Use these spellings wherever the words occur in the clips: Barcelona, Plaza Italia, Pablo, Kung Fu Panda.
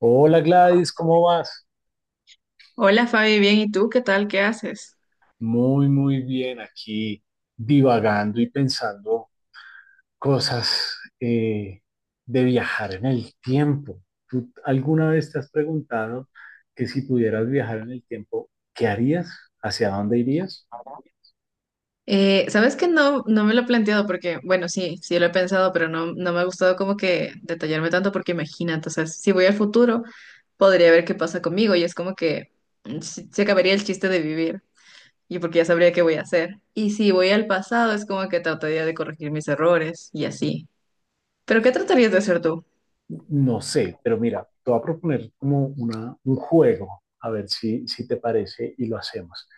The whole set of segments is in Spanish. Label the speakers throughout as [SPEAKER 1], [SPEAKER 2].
[SPEAKER 1] Hola Gladys, ¿cómo vas?
[SPEAKER 2] Hola Fabi, bien, ¿y tú qué tal? ¿Qué haces?
[SPEAKER 1] Muy, muy bien, aquí divagando y pensando cosas de viajar en el tiempo. ¿Tú alguna vez te has preguntado que si pudieras viajar en el tiempo, ¿qué harías? ¿Hacia dónde irías?
[SPEAKER 2] Sabes que no, no me lo he planteado porque, bueno, sí, sí lo he pensado, pero no, no me ha gustado como que detallarme tanto porque imagínate, o sea, si voy al futuro, podría ver qué pasa conmigo y es como que se acabaría el chiste de vivir y porque ya sabría qué voy a hacer. Y si voy al pasado, es como que trataría de corregir mis errores y así. ¿Pero qué tratarías de hacer tú?
[SPEAKER 1] No sé, pero mira, te voy a proponer como un juego, a ver si te parece y lo hacemos.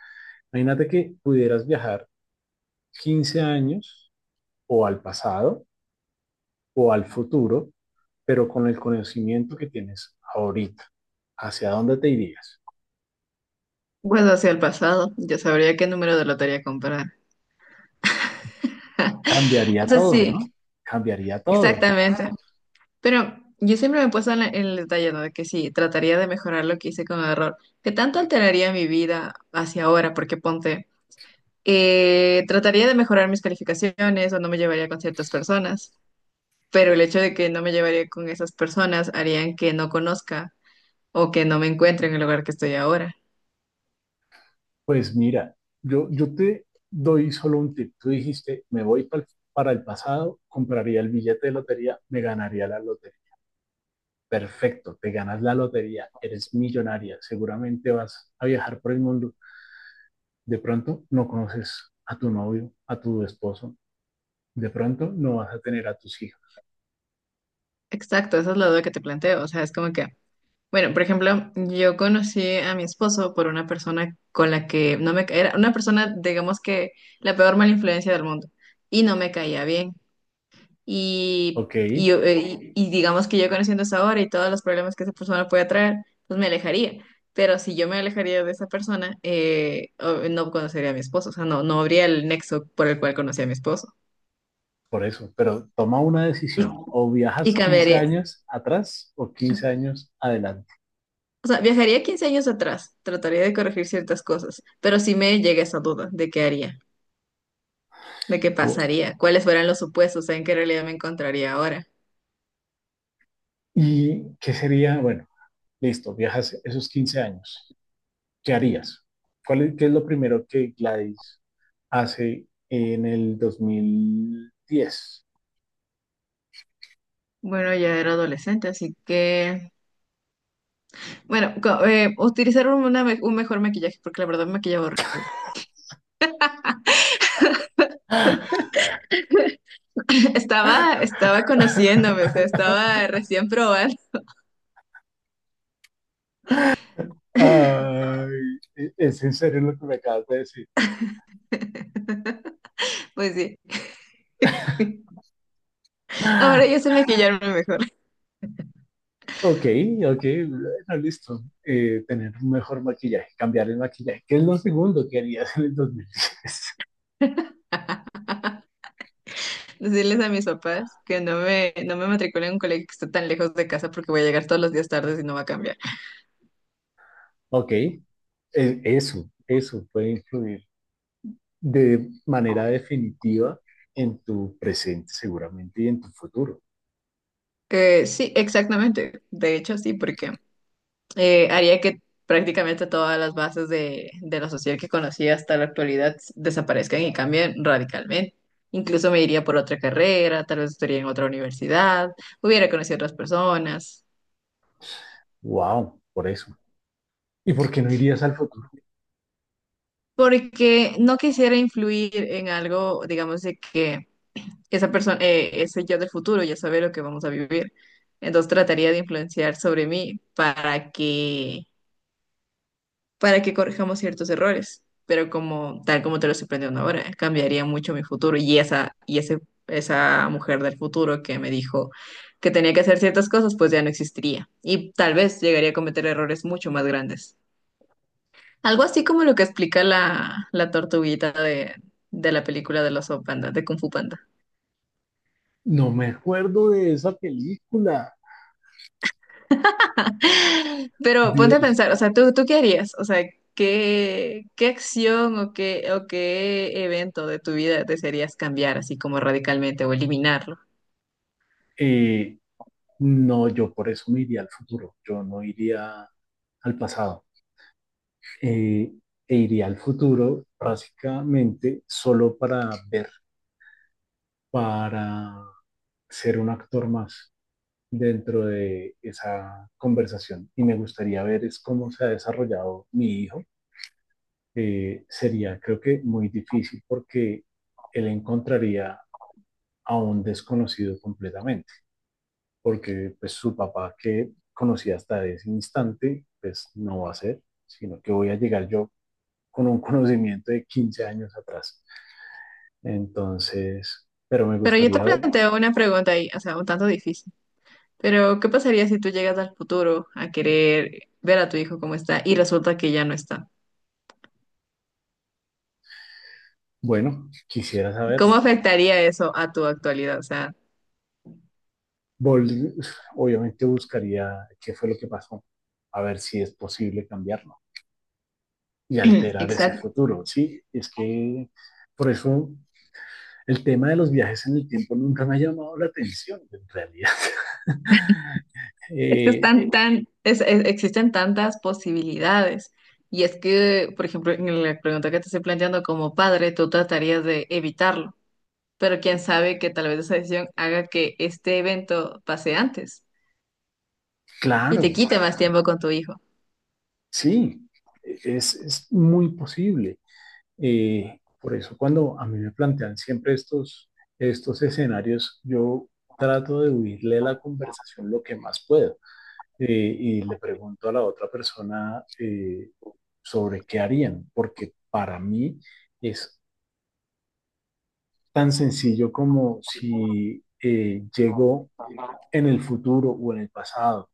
[SPEAKER 1] Imagínate que pudieras viajar 15 años o al pasado o al futuro pero con el conocimiento que tienes ahorita, ¿hacia dónde te irías?
[SPEAKER 2] Bueno, hacia el pasado, yo sabría qué número de lotería comprar. O
[SPEAKER 1] Cambiaría
[SPEAKER 2] sea,
[SPEAKER 1] todo,
[SPEAKER 2] sí,
[SPEAKER 1] ¿no? Cambiaría todo.
[SPEAKER 2] exactamente. Pero yo siempre me he puesto en, en el detalle, ¿no? De que sí, trataría de mejorar lo que hice con el error. ¿Qué tanto alteraría mi vida hacia ahora? Porque ponte, trataría de mejorar mis calificaciones o no me llevaría con ciertas personas, pero el hecho de que no me llevaría con esas personas harían que no conozca o que no me encuentre en el lugar que estoy ahora.
[SPEAKER 1] Pues mira, yo te doy solo un tip. Tú dijiste, me voy para el pasado, compraría el billete de lotería, me ganaría la lotería. Perfecto, te ganas la lotería, eres millonaria, seguramente vas a viajar por el mundo. De pronto no conoces a tu novio, a tu esposo, de pronto no vas a tener a tus hijos.
[SPEAKER 2] Exacto, esa es la duda que te planteo. O sea, es como que bueno, por ejemplo, yo conocí a mi esposo por una persona con la que no me ca- era una persona, digamos que la peor mala influencia del mundo y no me caía bien. Y,
[SPEAKER 1] Ok,
[SPEAKER 2] y, yo- eh, y- y digamos que yo conociendo esa hora y todos los problemas que esa persona puede traer, pues me alejaría. Pero si yo me alejaría de esa persona, no conocería a mi esposo, o sea, no, no habría el nexo por el cual conocí a mi esposo.
[SPEAKER 1] por eso, pero toma una
[SPEAKER 2] Y,
[SPEAKER 1] decisión. O
[SPEAKER 2] y
[SPEAKER 1] viajas 15
[SPEAKER 2] cambiaría.
[SPEAKER 1] años atrás o 15 años adelante.
[SPEAKER 2] O sea, viajaría 15 años atrás, trataría de corregir ciertas cosas, pero sí me llega esa duda de qué haría, de qué pasaría, cuáles fueran los supuestos, en qué realidad me encontraría ahora.
[SPEAKER 1] ¿Y qué sería? Bueno, listo, viajas esos 15 años. ¿Qué harías? ¿Qué es lo primero que Gladys hace en el 2010?
[SPEAKER 2] Bueno, ya era adolescente, así que, bueno, utilizar un mejor maquillaje, porque la verdad me maquillaba horrible. Estaba conociéndome, o sea, estaba recién probando,
[SPEAKER 1] Ay, es en serio lo que me acabas de decir.
[SPEAKER 2] pues sí. Ahora yo sé maquillarme mejor.
[SPEAKER 1] Ok, ok, bueno, listo. Tener un mejor maquillaje, cambiar el maquillaje. ¿Qué es lo segundo que harías en el 2010?
[SPEAKER 2] Decirles a mis papás que no me matriculen en un colegio que esté tan lejos de casa porque voy a llegar todos los días tarde y no va a cambiar.
[SPEAKER 1] Ok, eso puede influir de manera definitiva en tu presente seguramente y en tu futuro.
[SPEAKER 2] Sí, exactamente. De hecho, sí, porque haría que prácticamente todas las bases de lo social que conocí hasta la actualidad desaparezcan y cambien radicalmente. Incluso me iría por otra carrera, tal vez estaría en otra universidad, hubiera conocido otras personas,
[SPEAKER 1] Wow, por eso. ¿Y por qué no irías al futuro?
[SPEAKER 2] porque no quisiera influir en algo, digamos, de que esa persona, ese yo del futuro ya sabe lo que vamos a vivir. Entonces trataría de influenciar sobre mí para que corrijamos ciertos errores. Pero como, tal como te lo estoy planteando ahora, cambiaría mucho mi futuro. Esa mujer del futuro que me dijo que tenía que hacer ciertas cosas, pues ya no existiría. Y tal vez llegaría a cometer errores mucho más grandes. Algo así como lo que explica la tortuguita de la película de los Panda, de Kung Fu Panda.
[SPEAKER 1] No me acuerdo de esa película.
[SPEAKER 2] Pero ponte a
[SPEAKER 1] Dios,
[SPEAKER 2] pensar, o sea, ¿tú qué harías? O sea, ¿qué acción o qué evento de tu vida desearías cambiar así como radicalmente o eliminarlo?
[SPEAKER 1] eh, no, yo por eso me iría al futuro. Yo no iría al pasado. Eh, E iría al futuro básicamente solo para ser un actor más dentro de esa conversación y me gustaría ver es cómo se ha desarrollado mi hijo. Sería creo que muy difícil porque él encontraría a un desconocido completamente, porque pues su papá que conocía hasta ese instante, pues no va a ser, sino que voy a llegar yo con un conocimiento de 15 años atrás. Entonces, pero me
[SPEAKER 2] Pero yo te
[SPEAKER 1] gustaría ver,
[SPEAKER 2] planteo una pregunta ahí, o sea, un tanto difícil. Pero, ¿qué pasaría si tú llegas al futuro a querer ver a tu hijo cómo está y resulta que ya no está?
[SPEAKER 1] bueno, quisiera
[SPEAKER 2] ¿Cómo
[SPEAKER 1] saberlo.
[SPEAKER 2] afectaría eso a tu actualidad? O sea,
[SPEAKER 1] Vol- obviamente buscaría qué fue lo que pasó, a ver si es posible cambiarlo y alterar ese
[SPEAKER 2] exacto.
[SPEAKER 1] futuro. Sí, es que por eso el tema de los viajes en el tiempo nunca me ha llamado la atención, en realidad.
[SPEAKER 2] Es que
[SPEAKER 1] Eh,
[SPEAKER 2] están tan, existen tantas posibilidades. Y es que, por ejemplo, en la pregunta que te estoy planteando como padre, tú tratarías de evitarlo, pero quién sabe que tal vez esa decisión haga que este evento pase antes y te
[SPEAKER 1] claro,
[SPEAKER 2] quite más tiempo con tu hijo.
[SPEAKER 1] sí, es muy posible. Por eso cuando a mí me plantean siempre estos escenarios, yo trato de huirle a la conversación lo que más puedo. Y le pregunto a la otra persona sobre qué harían, porque para mí es tan sencillo como si llego en el futuro o en el pasado,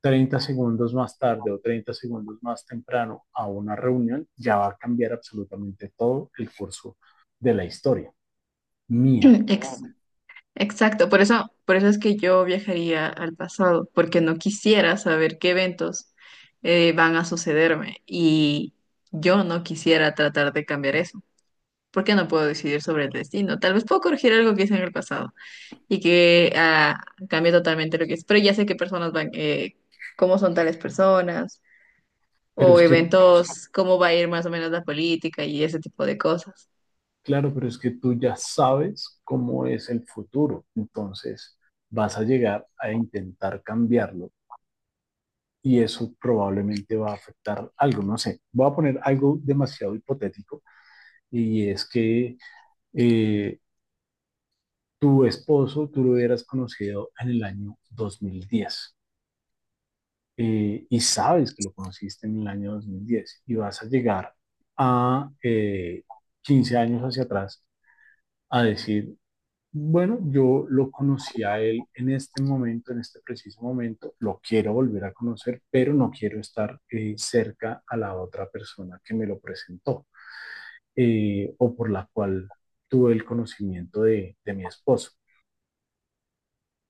[SPEAKER 1] 30 segundos más tarde o 30 segundos más temprano a una reunión, ya va a cambiar absolutamente todo el curso de la historia mía.
[SPEAKER 2] Ex- exacto, por eso es que yo viajaría al pasado, porque no quisiera saber qué eventos van a sucederme y yo no quisiera tratar de cambiar eso. Por qué no puedo decidir sobre el destino. Tal vez puedo corregir algo que hice en el pasado y que cambie totalmente lo que es, pero ya sé qué personas van, cómo son tales personas
[SPEAKER 1] Pero
[SPEAKER 2] o
[SPEAKER 1] es que,
[SPEAKER 2] eventos, cómo va a ir más o menos la política y ese tipo de cosas.
[SPEAKER 1] claro, pero es que tú ya sabes cómo es el futuro, entonces vas a llegar a intentar cambiarlo y eso probablemente va a afectar algo, no sé. Voy a poner algo demasiado hipotético y es que eh, tu esposo tú lo hubieras conocido en el año 2010 y sabes que lo conociste en el año 2010 y vas a llegar a 15 años hacia atrás a decir, bueno, yo lo conocí a él en este momento, en este preciso momento, lo quiero volver a conocer, pero no quiero estar cerca a la otra persona que me lo presentó o por la cual tuve el conocimiento de mi esposo.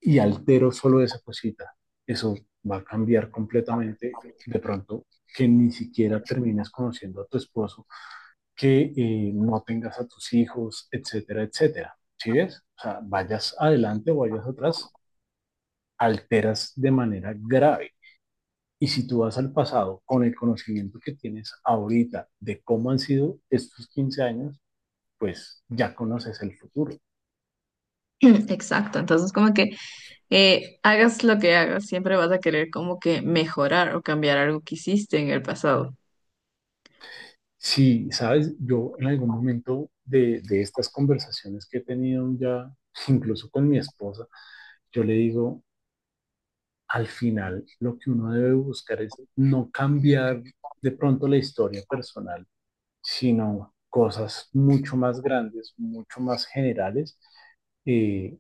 [SPEAKER 1] Y altero solo esa cosita. Eso va a cambiar completamente de pronto que ni siquiera termines conociendo a tu esposo, que no tengas a tus hijos, etcétera, etcétera. ¿Sí ves? O sea, vayas adelante o vayas atrás, alteras de manera grave. Y si tú vas al pasado con el conocimiento que tienes ahorita de cómo han sido estos 15 años, pues ya conoces el futuro.
[SPEAKER 2] Exacto, entonces como que hagas lo que hagas, siempre vas a querer como que mejorar o cambiar algo que hiciste en el pasado.
[SPEAKER 1] Si, sabes, yo en algún momento de estas conversaciones que he tenido ya, incluso con mi esposa, yo le digo, al final lo que uno debe buscar es no cambiar de pronto la historia personal, sino cosas mucho más grandes, mucho más generales, eh,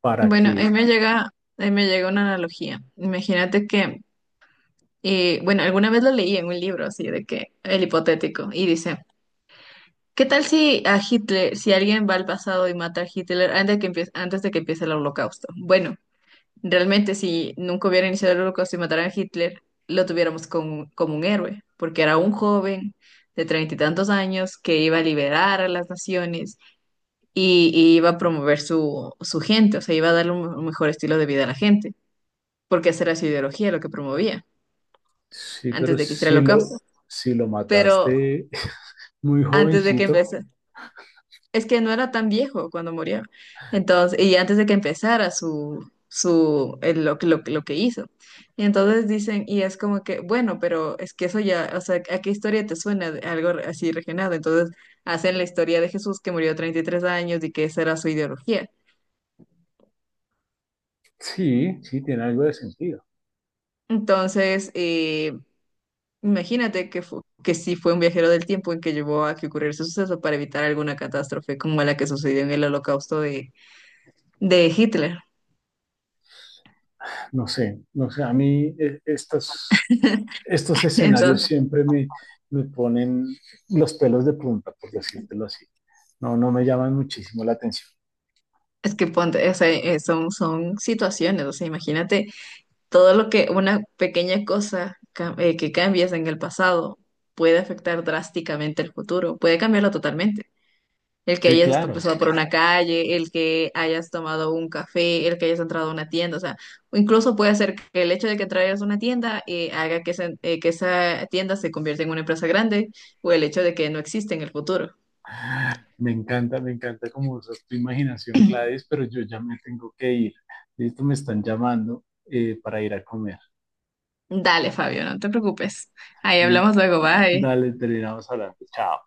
[SPEAKER 1] para
[SPEAKER 2] Bueno,
[SPEAKER 1] que,
[SPEAKER 2] ahí me llega una analogía. Imagínate que bueno, alguna vez lo leí en un libro así de que el hipotético y dice: ¿qué tal si a Hitler, si alguien va al pasado y mata a Hitler antes de que empiece el holocausto? Bueno, realmente si nunca hubiera iniciado el holocausto y mataran a Hitler, lo tuviéramos como un héroe, porque era un joven de treinta y tantos años que iba a liberar a las naciones y iba a promover su gente, o sea, iba a darle un mejor estilo de vida a la gente, porque esa era su ideología, lo que promovía,
[SPEAKER 1] sí,
[SPEAKER 2] antes
[SPEAKER 1] pero
[SPEAKER 2] de que hiciera el holocausto.
[SPEAKER 1] si lo
[SPEAKER 2] Pero
[SPEAKER 1] mataste muy
[SPEAKER 2] antes de que
[SPEAKER 1] jovencito,
[SPEAKER 2] empezara. Es que no era tan viejo cuando murió. Entonces, y antes de que empezara su, su, el- lo, que- lo, que- lo que hizo. Y entonces dicen, y es como que, bueno, pero es que eso ya, o sea, ¿a qué historia te suena de algo así regenerado? Entonces, hacen la historia de Jesús que murió a 33 años y que esa era su ideología.
[SPEAKER 1] sí, sí, tiene algo de sentido.
[SPEAKER 2] Entonces, imagínate que, que sí fue un viajero del tiempo en que llevó a que ocurriera ese suceso para evitar alguna catástrofe como la que sucedió en el holocausto de Hitler.
[SPEAKER 1] No sé, no sé, a mí estos
[SPEAKER 2] Entonces,
[SPEAKER 1] escenarios siempre me ponen los pelos de punta, por decírtelo así. No, no me llaman muchísimo la atención.
[SPEAKER 2] es que ponte, o sea, son situaciones, o sea, imagínate todo lo que una pequeña cosa que cambies en el pasado puede afectar drásticamente el futuro, puede cambiarlo totalmente. El que
[SPEAKER 1] Sí,
[SPEAKER 2] hayas
[SPEAKER 1] claro.
[SPEAKER 2] cruzado por una calle, el que hayas tomado un café, el que hayas entrado a una tienda, o sea, o incluso puede ser que el hecho de que traigas una tienda haga que que esa tienda se convierta en una empresa grande o el hecho de que no existe en el futuro.
[SPEAKER 1] Me encanta cómo usas tu imaginación, Gladys, pero yo ya me tengo que ir. Listo, me están llamando para ir a comer.
[SPEAKER 2] Dale, Fabio, no te preocupes. Ahí
[SPEAKER 1] Listo,
[SPEAKER 2] hablamos luego, bye.
[SPEAKER 1] dale, terminamos hablando. Chao.